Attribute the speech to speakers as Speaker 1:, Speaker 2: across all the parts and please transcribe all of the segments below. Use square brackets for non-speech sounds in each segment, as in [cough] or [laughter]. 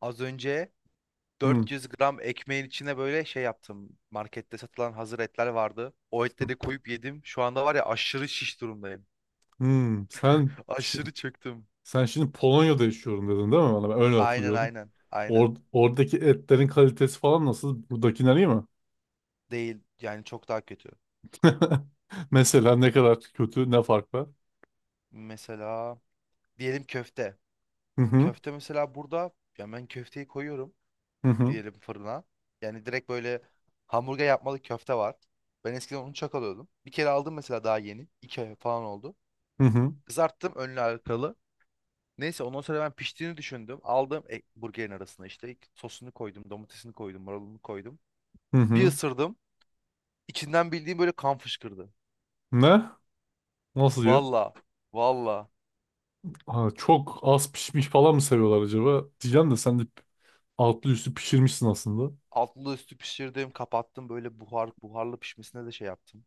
Speaker 1: Az önce
Speaker 2: Hmm.
Speaker 1: 400 gram ekmeğin içine böyle şey yaptım. Markette satılan hazır etler vardı. O etleri koyup yedim. Şu anda var ya, aşırı şiş durumdayım.
Speaker 2: Hmm.
Speaker 1: [laughs] Aşırı çöktüm.
Speaker 2: Sen şimdi Polonya'da yaşıyorum dedin değil mi bana? Ben öyle
Speaker 1: Aynen,
Speaker 2: hatırlıyorum.
Speaker 1: aynen. Aynen.
Speaker 2: Oradaki etlerin kalitesi falan nasıl? Buradakiler iyi mi?
Speaker 1: Değil. Yani çok daha kötü.
Speaker 2: [laughs] Mesela ne kadar kötü, ne fark var?
Speaker 1: Mesela diyelim köfte.
Speaker 2: Hı hı.
Speaker 1: Köfte mesela burada, ya ben köfteyi koyuyorum
Speaker 2: Hı hı.
Speaker 1: diyelim fırına. Yani direkt böyle hamburger yapmalı köfte var. Ben eskiden onu çok alıyordum. Bir kere aldım mesela daha yeni. 2 ay falan oldu.
Speaker 2: Hı hı.
Speaker 1: Kızarttım önlü arkalı. Neyse ondan sonra ben piştiğini düşündüm. Aldım, burgerin arasına işte sosunu koydum, domatesini koydum, marulunu koydum.
Speaker 2: Hı
Speaker 1: Bir
Speaker 2: hı.
Speaker 1: ısırdım. İçinden bildiğim böyle kan fışkırdı.
Speaker 2: Ne? Nasıl ya?
Speaker 1: Valla, valla.
Speaker 2: Ha, çok az pişmiş falan mı seviyorlar acaba? Diyeceğim de sen de altlı üstü pişirmişsin aslında.
Speaker 1: Altlı üstü pişirdim, kapattım. Böyle buharlı pişmesine de şey yaptım.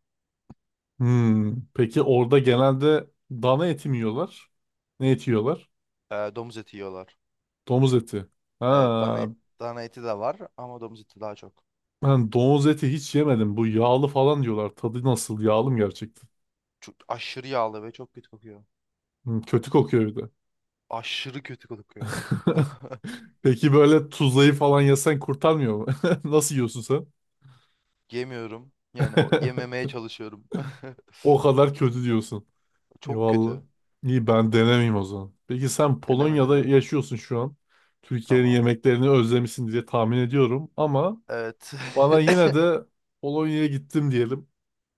Speaker 2: Hmm. Peki orada genelde dana eti mi yiyorlar? Ne eti yiyorlar?
Speaker 1: Domuz eti yiyorlar.
Speaker 2: Domuz eti.
Speaker 1: Evet,
Speaker 2: Ha,
Speaker 1: dana eti de var ama domuz eti daha çok.
Speaker 2: ben domuz eti hiç yemedim. Bu yağlı falan diyorlar. Tadı nasıl? Yağlı mı gerçekten?
Speaker 1: Çok aşırı yağlı ve çok kötü kokuyor.
Speaker 2: Hmm, kötü kokuyor bir de.
Speaker 1: Aşırı kötü kokuyor. [laughs]
Speaker 2: [laughs] Peki böyle tuzlayı falan yesen kurtarmıyor mu? [laughs] Nasıl yiyorsun sen?
Speaker 1: Yemiyorum. Yani
Speaker 2: [laughs]
Speaker 1: yememeye çalışıyorum. [laughs]
Speaker 2: O kadar kötü diyorsun.
Speaker 1: Çok
Speaker 2: Eyvallah.
Speaker 1: kötü.
Speaker 2: İyi ben denemeyeyim o zaman. Peki sen
Speaker 1: Deneme
Speaker 2: Polonya'da
Speaker 1: deneme.
Speaker 2: yaşıyorsun şu an. Türkiye'nin
Speaker 1: Tamam.
Speaker 2: yemeklerini özlemişsin diye tahmin ediyorum. Ama
Speaker 1: Evet.
Speaker 2: bana yine
Speaker 1: [laughs]
Speaker 2: de Polonya'ya gittim diyelim.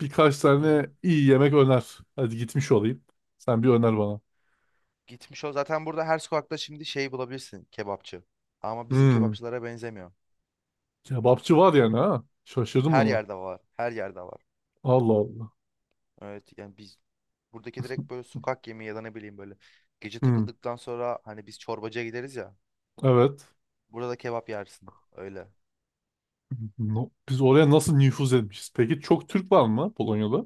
Speaker 2: Birkaç
Speaker 1: Hı hı.
Speaker 2: tane iyi yemek öner. Hadi gitmiş olayım. Sen bir öner bana.
Speaker 1: Gitmiş o. Zaten burada her sokakta şimdi şey bulabilirsin, kebapçı. Ama bizim
Speaker 2: Hmm.
Speaker 1: kebapçılara benzemiyor.
Speaker 2: Kebapçı var yani ha. Şaşırdım
Speaker 1: Her
Speaker 2: buna.
Speaker 1: yerde var. Her yerde var.
Speaker 2: Allah Allah.
Speaker 1: Evet, yani biz buradaki direkt böyle sokak yemeği ya da ne bileyim böyle gece
Speaker 2: Hmm,
Speaker 1: takıldıktan sonra hani biz çorbacıya gideriz ya.
Speaker 2: evet.
Speaker 1: Burada da kebap yersin. Öyle.
Speaker 2: Biz oraya nasıl nüfuz etmişiz? Peki çok Türk var mı Polonya'da?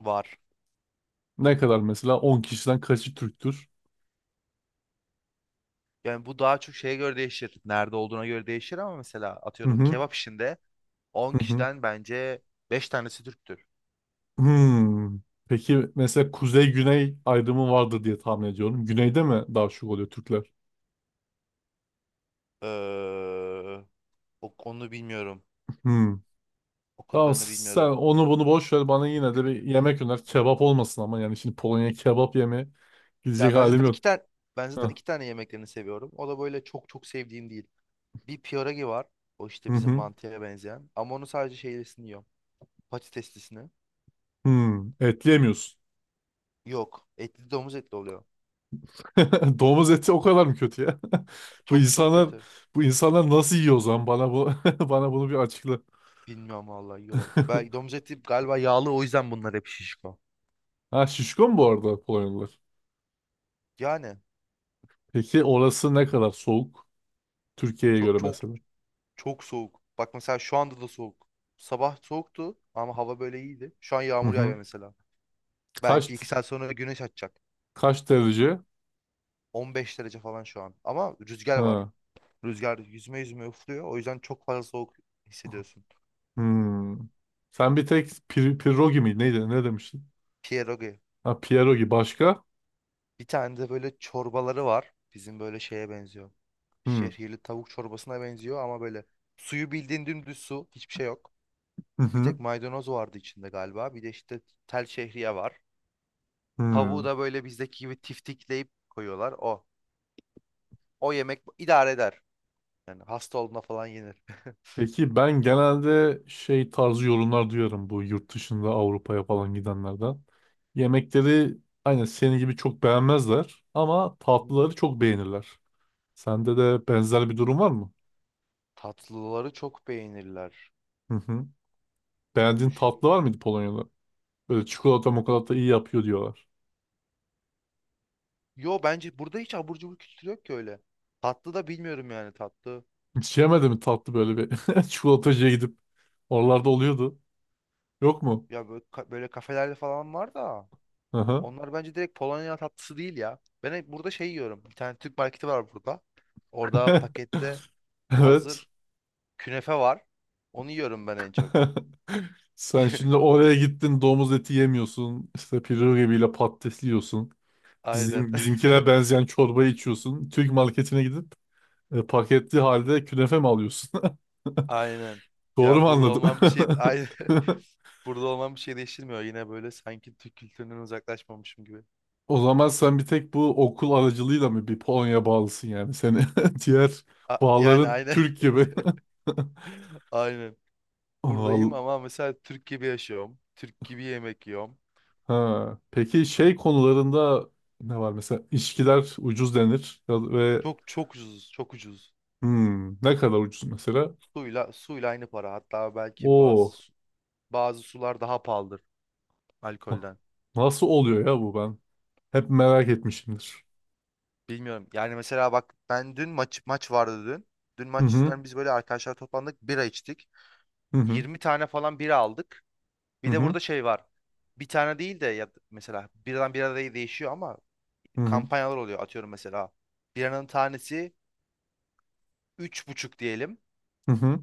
Speaker 1: Var.
Speaker 2: Ne kadar mesela? 10 kişiden kaçı Türktür?
Speaker 1: Yani bu daha çok şeye göre değişir. Nerede olduğuna göre değişir ama mesela
Speaker 2: Hı
Speaker 1: atıyorum
Speaker 2: hı
Speaker 1: kebap işinde on
Speaker 2: hı hı.
Speaker 1: kişiden bence beş tanesi Türktür.
Speaker 2: Hmm. Peki mesela kuzey-güney ayrımı vardır diye tahmin ediyorum. Güneyde mi daha çok oluyor Türkler?
Speaker 1: Ee, Onu bilmiyorum.
Speaker 2: Hmm.
Speaker 1: O
Speaker 2: Tamam
Speaker 1: kadarını
Speaker 2: sen
Speaker 1: bilmiyorum.
Speaker 2: onu bunu boş ver bana yine de bir yemek öner. Kebap olmasın ama yani şimdi Polonya'ya kebap yemeye gidecek
Speaker 1: Ya ben
Speaker 2: halim
Speaker 1: zaten
Speaker 2: yok.
Speaker 1: iki tane ben zaten
Speaker 2: Heh.
Speaker 1: iki tane yemeklerini seviyorum. O da böyle çok çok sevdiğim değil. Bir pierogi var. O
Speaker 2: Hı
Speaker 1: işte bizim
Speaker 2: hı.
Speaker 1: mantıya benzeyen. Ama onu sadece şeylisini yiyorum. Patateslisini.
Speaker 2: Hmm. Et yemiyorsun.
Speaker 1: Yok. Etli, domuz etli oluyor.
Speaker 2: [laughs] Domuz eti o kadar mı kötü ya? [laughs] Bu
Speaker 1: Çok çok
Speaker 2: insanlar
Speaker 1: kötü.
Speaker 2: bu insanlar nasıl yiyor o zaman? Bana bu [laughs] bana bunu bir açıkla.
Speaker 1: Bilmiyorum vallahi, yiyorlar. Belki
Speaker 2: [laughs]
Speaker 1: domuz eti galiba yağlı, o yüzden bunlar hep şişko.
Speaker 2: Ha şişko mu bu arada Polonyalılar?
Speaker 1: Yani
Speaker 2: Peki orası ne kadar soğuk? Türkiye'ye
Speaker 1: çok
Speaker 2: göre
Speaker 1: çok
Speaker 2: mesela.
Speaker 1: çok soğuk. Bak mesela şu anda da soğuk. Sabah soğuktu ama hava böyle iyiydi. Şu an
Speaker 2: Hı
Speaker 1: yağmur yağıyor
Speaker 2: hı.
Speaker 1: mesela.
Speaker 2: Kaç
Speaker 1: Belki 2 saat sonra güneş açacak.
Speaker 2: kaç derece?
Speaker 1: 15 derece falan şu an. Ama rüzgar var.
Speaker 2: Ha.
Speaker 1: Rüzgar yüzme yüzme üflüyor. O yüzden çok fazla soğuk hissediyorsun.
Speaker 2: Hmm. Sen bir tek pierogi mi? Neydi? Ne demiştin?
Speaker 1: Pierogi.
Speaker 2: Ha pierogi başka?
Speaker 1: Bir tane de böyle çorbaları var. Bizim böyle şeye benziyor.
Speaker 2: Hmm.
Speaker 1: Şehirli tavuk çorbasına benziyor ama böyle suyu bildiğin dümdüz su. Hiçbir şey yok.
Speaker 2: Hı
Speaker 1: Bir
Speaker 2: hı.
Speaker 1: tek maydanoz vardı içinde galiba. Bir de işte tel şehriye var. Tavuğu
Speaker 2: Hmm.
Speaker 1: da böyle bizdeki gibi tiftikleyip koyuyorlar. O. O yemek idare eder. Yani hasta olduğunda falan yenir. [laughs]
Speaker 2: Peki ben genelde şey tarzı yorumlar duyarım bu yurt dışında Avrupa'ya falan gidenlerden. Yemekleri aynen senin gibi çok beğenmezler ama
Speaker 1: Hı hı.
Speaker 2: tatlıları çok beğenirler. Sende de benzer bir durum var mı?
Speaker 1: Tatlıları çok beğenirler.
Speaker 2: Hı hı. Beğendiğin tatlı var mıydı Polonya'da? Böyle çikolata mokolata iyi yapıyor diyorlar.
Speaker 1: Yo, bence burada hiç abur cubur kültürü yok ki öyle. Tatlı da bilmiyorum yani, tatlı.
Speaker 2: Hiç yemedi mi tatlı böyle bir [laughs] çikolatacıya gidip? Oralarda oluyordu. Yok mu?
Speaker 1: Ya böyle, böyle kafelerde falan var da.
Speaker 2: Hı hı.
Speaker 1: Onlar bence direkt Polonya tatlısı değil ya. Ben hep burada şey yiyorum. Bir tane Türk marketi var burada. Orada
Speaker 2: [laughs]
Speaker 1: pakette
Speaker 2: Evet.
Speaker 1: hazır künefe var. Onu yiyorum ben en çok.
Speaker 2: [laughs] Sen şimdi
Speaker 1: [laughs]
Speaker 2: oraya gittin domuz eti yemiyorsun. İşte pirzola ile patates yiyorsun.
Speaker 1: Aynen. [laughs]
Speaker 2: Bizimkine benzeyen çorba içiyorsun. Türk marketine gidip paketli halde künefe mi alıyorsun?
Speaker 1: Aynen.
Speaker 2: [laughs] Doğru
Speaker 1: Ya
Speaker 2: mu
Speaker 1: burada
Speaker 2: anladım?
Speaker 1: olmam bir şey [laughs] aynen.
Speaker 2: [laughs]
Speaker 1: Burada olmam bir şey değiştirmiyor. Yine böyle sanki Türk kültüründen uzaklaşmamışım gibi.
Speaker 2: O zaman sen bir tek bu okul aracılığıyla mı bir Polonya bağlısın yani seni [laughs] diğer
Speaker 1: Yani
Speaker 2: bağların
Speaker 1: aynen.
Speaker 2: Türk gibi.
Speaker 1: [laughs] Aynen.
Speaker 2: [laughs]
Speaker 1: Buradayım
Speaker 2: Al-
Speaker 1: ama mesela Türk gibi yaşıyorum. Türk gibi yemek yiyorum.
Speaker 2: Ha. Peki şey konularında ne var mesela ilişkiler ucuz denir ve
Speaker 1: Çok çok ucuz, çok ucuz.
Speaker 2: hmm, ne kadar ucuz mesela?
Speaker 1: Suyla aynı para. Hatta belki
Speaker 2: Oo.
Speaker 1: bazı sular daha pahalıdır
Speaker 2: na-
Speaker 1: alkolden.
Speaker 2: Nasıl oluyor ya bu ben? Hep merak etmişimdir.
Speaker 1: Bilmiyorum. Yani mesela bak, ben dün maç vardı dün. Dün
Speaker 2: Hı
Speaker 1: maç
Speaker 2: hı.
Speaker 1: yüzünden biz böyle arkadaşlar toplandık, bira içtik.
Speaker 2: Hı hı.
Speaker 1: 20 tane falan bira aldık.
Speaker 2: Hı
Speaker 1: Bir de
Speaker 2: hı.
Speaker 1: burada şey var. Bir tane değil de, ya mesela biradan bira değişiyor ama
Speaker 2: Hı hı.
Speaker 1: kampanyalar oluyor atıyorum mesela. Biranın tanesi 3,5 diyelim.
Speaker 2: Hı hı.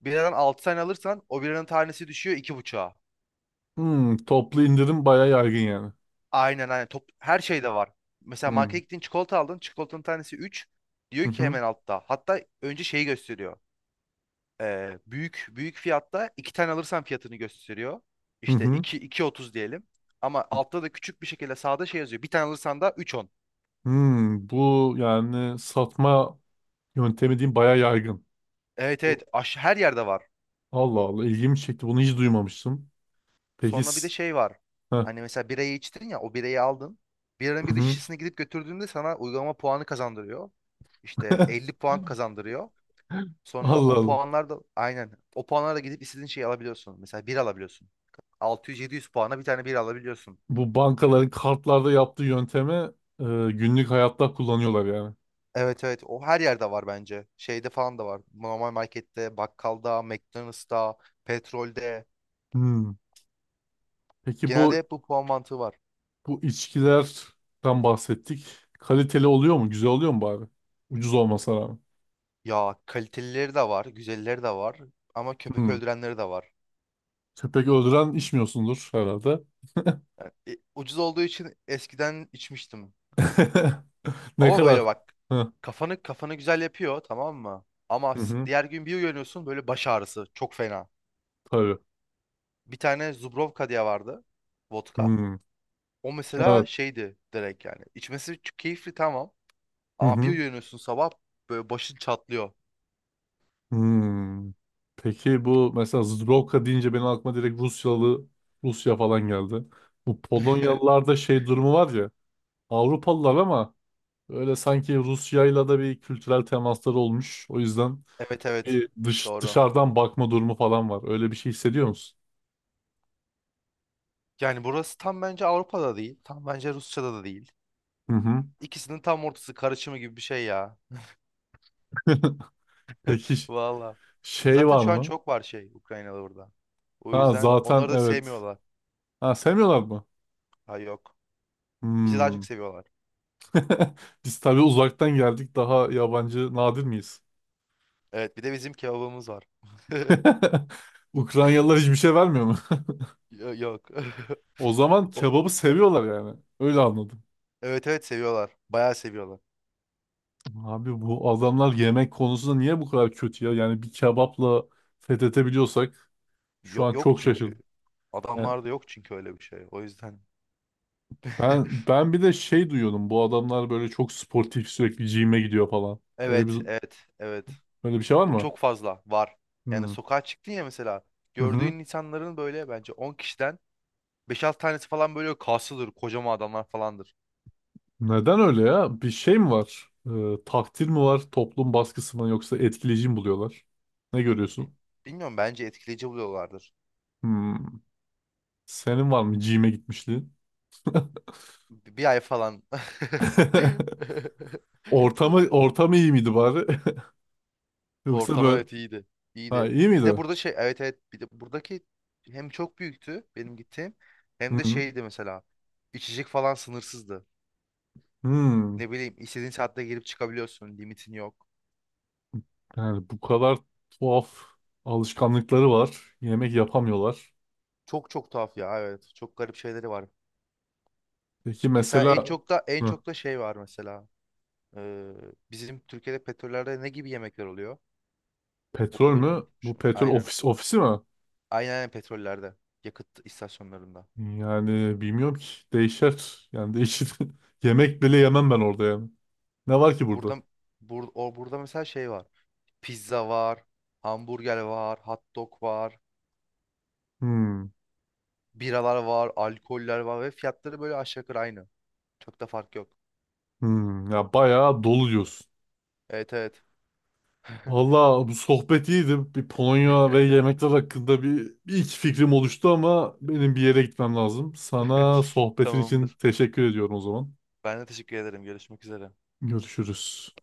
Speaker 1: Biradan 6 tane alırsan o biranın tanesi düşüyor 2,5'a.
Speaker 2: Hmm, toplu indirim bayağı yaygın yani.
Speaker 1: Aynen, aynen. Her şeyde var. Mesela
Speaker 2: Hmm.
Speaker 1: markete gittin, çikolata aldın. Çikolatanın tanesi üç,
Speaker 2: Hı
Speaker 1: diyor ki.
Speaker 2: hı.
Speaker 1: Hemen altta, hatta önce şeyi gösteriyor. Büyük büyük fiyatta, 2 tane alırsan fiyatını gösteriyor.
Speaker 2: Hı
Speaker 1: İşte
Speaker 2: hı.
Speaker 1: iki otuz diyelim. Ama altta da küçük bir şekilde sağda şey yazıyor, bir tane alırsan da üç on.
Speaker 2: Hmm, bu yani satma yöntemi diyeyim bayağı yaygın.
Speaker 1: Evet,
Speaker 2: Bu-
Speaker 1: evet. Her yerde var.
Speaker 2: Allah Allah ilgimi çekti. Bunu hiç duymamıştım. Peki
Speaker 1: Sonra bir de
Speaker 2: s-
Speaker 1: şey var.
Speaker 2: Heh.
Speaker 1: Hani mesela birayı içtin ya, o birayı aldın. Biranın
Speaker 2: Hı
Speaker 1: bir de
Speaker 2: hı.
Speaker 1: şişesini gidip götürdüğünde sana uygulama puanı kazandırıyor. İşte 50
Speaker 2: [laughs]
Speaker 1: puan kazandırıyor. Sonra
Speaker 2: Allah
Speaker 1: o
Speaker 2: Allah.
Speaker 1: puanlar da, aynen, o puanlarla gidip istediğin şeyi alabiliyorsun. Mesela bir alabiliyorsun. 600-700 puana bir tane bir alabiliyorsun.
Speaker 2: Bu bankaların kartlarda yaptığı yöntemi e, günlük hayatta kullanıyorlar yani.
Speaker 1: Evet, evet, o her yerde var bence. Şeyde falan da var. Normal markette, bakkalda, McDonald's'ta, petrolde.
Speaker 2: Hmm. Peki
Speaker 1: Genelde
Speaker 2: bu
Speaker 1: hep bu puan mantığı var.
Speaker 2: Bu içkilerden bahsettik. Kaliteli oluyor mu? Güzel oluyor mu bari? Ucuz olmasına rağmen.
Speaker 1: Ya kalitelileri de var, güzelleri de var ama köpek
Speaker 2: Hmm.
Speaker 1: öldürenleri de var.
Speaker 2: Köpek öldüren içmiyorsundur herhalde.
Speaker 1: Yani, ucuz olduğu için eskiden içmiştim.
Speaker 2: [laughs] Ne
Speaker 1: Ama
Speaker 2: kadar?
Speaker 1: böyle bak,
Speaker 2: Hı
Speaker 1: kafanı güzel yapıyor, tamam mı? Ama
Speaker 2: hı. hı.
Speaker 1: diğer gün bir uyanıyorsun, böyle baş ağrısı çok fena.
Speaker 2: Tabii.
Speaker 1: Bir tane Zubrovka diye vardı, vodka.
Speaker 2: Hmm.
Speaker 1: O
Speaker 2: Evet.
Speaker 1: mesela şeydi direkt yani. İçmesi çok keyifli, tamam.
Speaker 2: Hı
Speaker 1: Ama bir
Speaker 2: hı.
Speaker 1: uyanıyorsun sabah böyle başın çatlıyor.
Speaker 2: Hmm. Peki bu mesela Zdrowka deyince benim aklıma direkt Rusya falan geldi. Bu
Speaker 1: [laughs]
Speaker 2: Polonyalılarda şey durumu var ya. Avrupalılar ama öyle sanki Rusya'yla da bir kültürel temasları olmuş. O yüzden
Speaker 1: Evet, evet,
Speaker 2: bir
Speaker 1: doğru.
Speaker 2: dışarıdan bakma durumu falan var. Öyle bir şey hissediyor musun?
Speaker 1: Yani burası tam bence Avrupa'da değil. Tam bence Rusya'da da değil.
Speaker 2: Hı hı.
Speaker 1: İkisinin tam ortası karışımı gibi bir şey ya.
Speaker 2: [laughs] Peki
Speaker 1: [laughs]
Speaker 2: ş-
Speaker 1: Valla.
Speaker 2: şey
Speaker 1: Zaten
Speaker 2: var
Speaker 1: şu an
Speaker 2: mı?
Speaker 1: çok var şey, Ukraynalı burada. O
Speaker 2: Ha
Speaker 1: yüzden
Speaker 2: zaten
Speaker 1: onları da
Speaker 2: evet.
Speaker 1: sevmiyorlar.
Speaker 2: Ha sevmiyorlar mı?
Speaker 1: Ha, yok. Bizi daha
Speaker 2: Hmm.
Speaker 1: çok seviyorlar.
Speaker 2: [laughs] Biz tabii uzaktan geldik daha yabancı nadir miyiz?
Speaker 1: Evet, bir de bizim kebabımız var. [laughs]
Speaker 2: [laughs] Ukraynalılar hiçbir şey vermiyor mu?
Speaker 1: Yok. [laughs]
Speaker 2: [laughs] O zaman
Speaker 1: O,
Speaker 2: kebabı seviyorlar yani. Öyle anladım.
Speaker 1: evet evet, seviyorlar. Bayağı seviyorlar.
Speaker 2: Abi bu adamlar yemek konusunda niye bu kadar kötü ya? Yani bir kebapla fethedebiliyorsak şu
Speaker 1: Yok,
Speaker 2: an
Speaker 1: yok
Speaker 2: çok
Speaker 1: çünkü.
Speaker 2: şaşırdım.
Speaker 1: Adamlarda yok çünkü öyle bir şey. O yüzden.
Speaker 2: Ben
Speaker 1: [laughs]
Speaker 2: ben bir de şey duyuyordum. Bu adamlar böyle çok sportif sürekli gym'e gidiyor falan. Öyle bir
Speaker 1: Evet, evet, evet.
Speaker 2: öyle bir şey var
Speaker 1: O
Speaker 2: mı?
Speaker 1: çok fazla var. Yani
Speaker 2: Hmm.
Speaker 1: sokağa çıktın ya mesela.
Speaker 2: Hı hı.
Speaker 1: Gördüğün insanların böyle bence 10 kişiden beş 6 tanesi falan böyle kaslıdır. Kocaman adamlar falandır.
Speaker 2: Neden öyle ya? Bir şey mi var? Takdir mi var? Toplum baskısı mı yoksa etkileyici mi buluyorlar? Ne
Speaker 1: Bil-
Speaker 2: görüyorsun?
Speaker 1: Bilmiyorum, bence etkileyici buluyorlardır.
Speaker 2: Hmm. Senin var mı gym'e gitmişliğin?
Speaker 1: Bir ay falan. [laughs]
Speaker 2: [laughs] Ortamı iyi miydi bari? [laughs] Yoksa
Speaker 1: Ortam
Speaker 2: böyle
Speaker 1: evet iyiydi.
Speaker 2: ha
Speaker 1: İyiydi.
Speaker 2: iyi
Speaker 1: Bir de
Speaker 2: miydi?
Speaker 1: burada şey, evet evet, bir de buradaki hem çok büyüktü benim gittiğim
Speaker 2: Hı
Speaker 1: hem de
Speaker 2: hı.
Speaker 1: şeydi mesela, içecek falan sınırsızdı.
Speaker 2: Hmm.
Speaker 1: Ne bileyim, istediğin saatte girip çıkabiliyorsun, limitin yok.
Speaker 2: Yani bu kadar tuhaf alışkanlıkları var. Yemek yapamıyorlar.
Speaker 1: Çok çok tuhaf ya evet, çok garip şeyleri var.
Speaker 2: Peki
Speaker 1: Mesela en
Speaker 2: mesela
Speaker 1: çok da en
Speaker 2: hı,
Speaker 1: çok da şey var mesela. Ee, Bizim Türkiye'de petrollerde ne gibi yemekler oluyor? O
Speaker 2: petrol
Speaker 1: kadar
Speaker 2: mü? Bu
Speaker 1: unutmuşum.
Speaker 2: petrol
Speaker 1: Aynen.
Speaker 2: ofisi mi?
Speaker 1: Aynen, aynen petrollerde, yakıt istasyonlarında.
Speaker 2: Yani bilmiyorum ki. Değişer. Yani değişir. [laughs] Yemek bile yemem ben orada yani. Ne var ki burada?
Speaker 1: Burada, o burada mesela şey var. Pizza var, hamburger var, hot dog var,
Speaker 2: Hmm.
Speaker 1: biralar var, alkoller var ve fiyatları böyle aşağı yukarı aynı. Çok da fark yok.
Speaker 2: Hmm. Ya bayağı dolu diyorsun.
Speaker 1: Evet, evet.
Speaker 2: Valla bu sohbet iyiydi. Bir Polonya ve
Speaker 1: [laughs]
Speaker 2: yemekler hakkında bir iki fikrim oluştu ama benim bir yere gitmem lazım. Sana sohbetin için
Speaker 1: Tamamdır.
Speaker 2: teşekkür ediyorum o zaman.
Speaker 1: Ben de teşekkür ederim. Görüşmek üzere.
Speaker 2: Görüşürüz.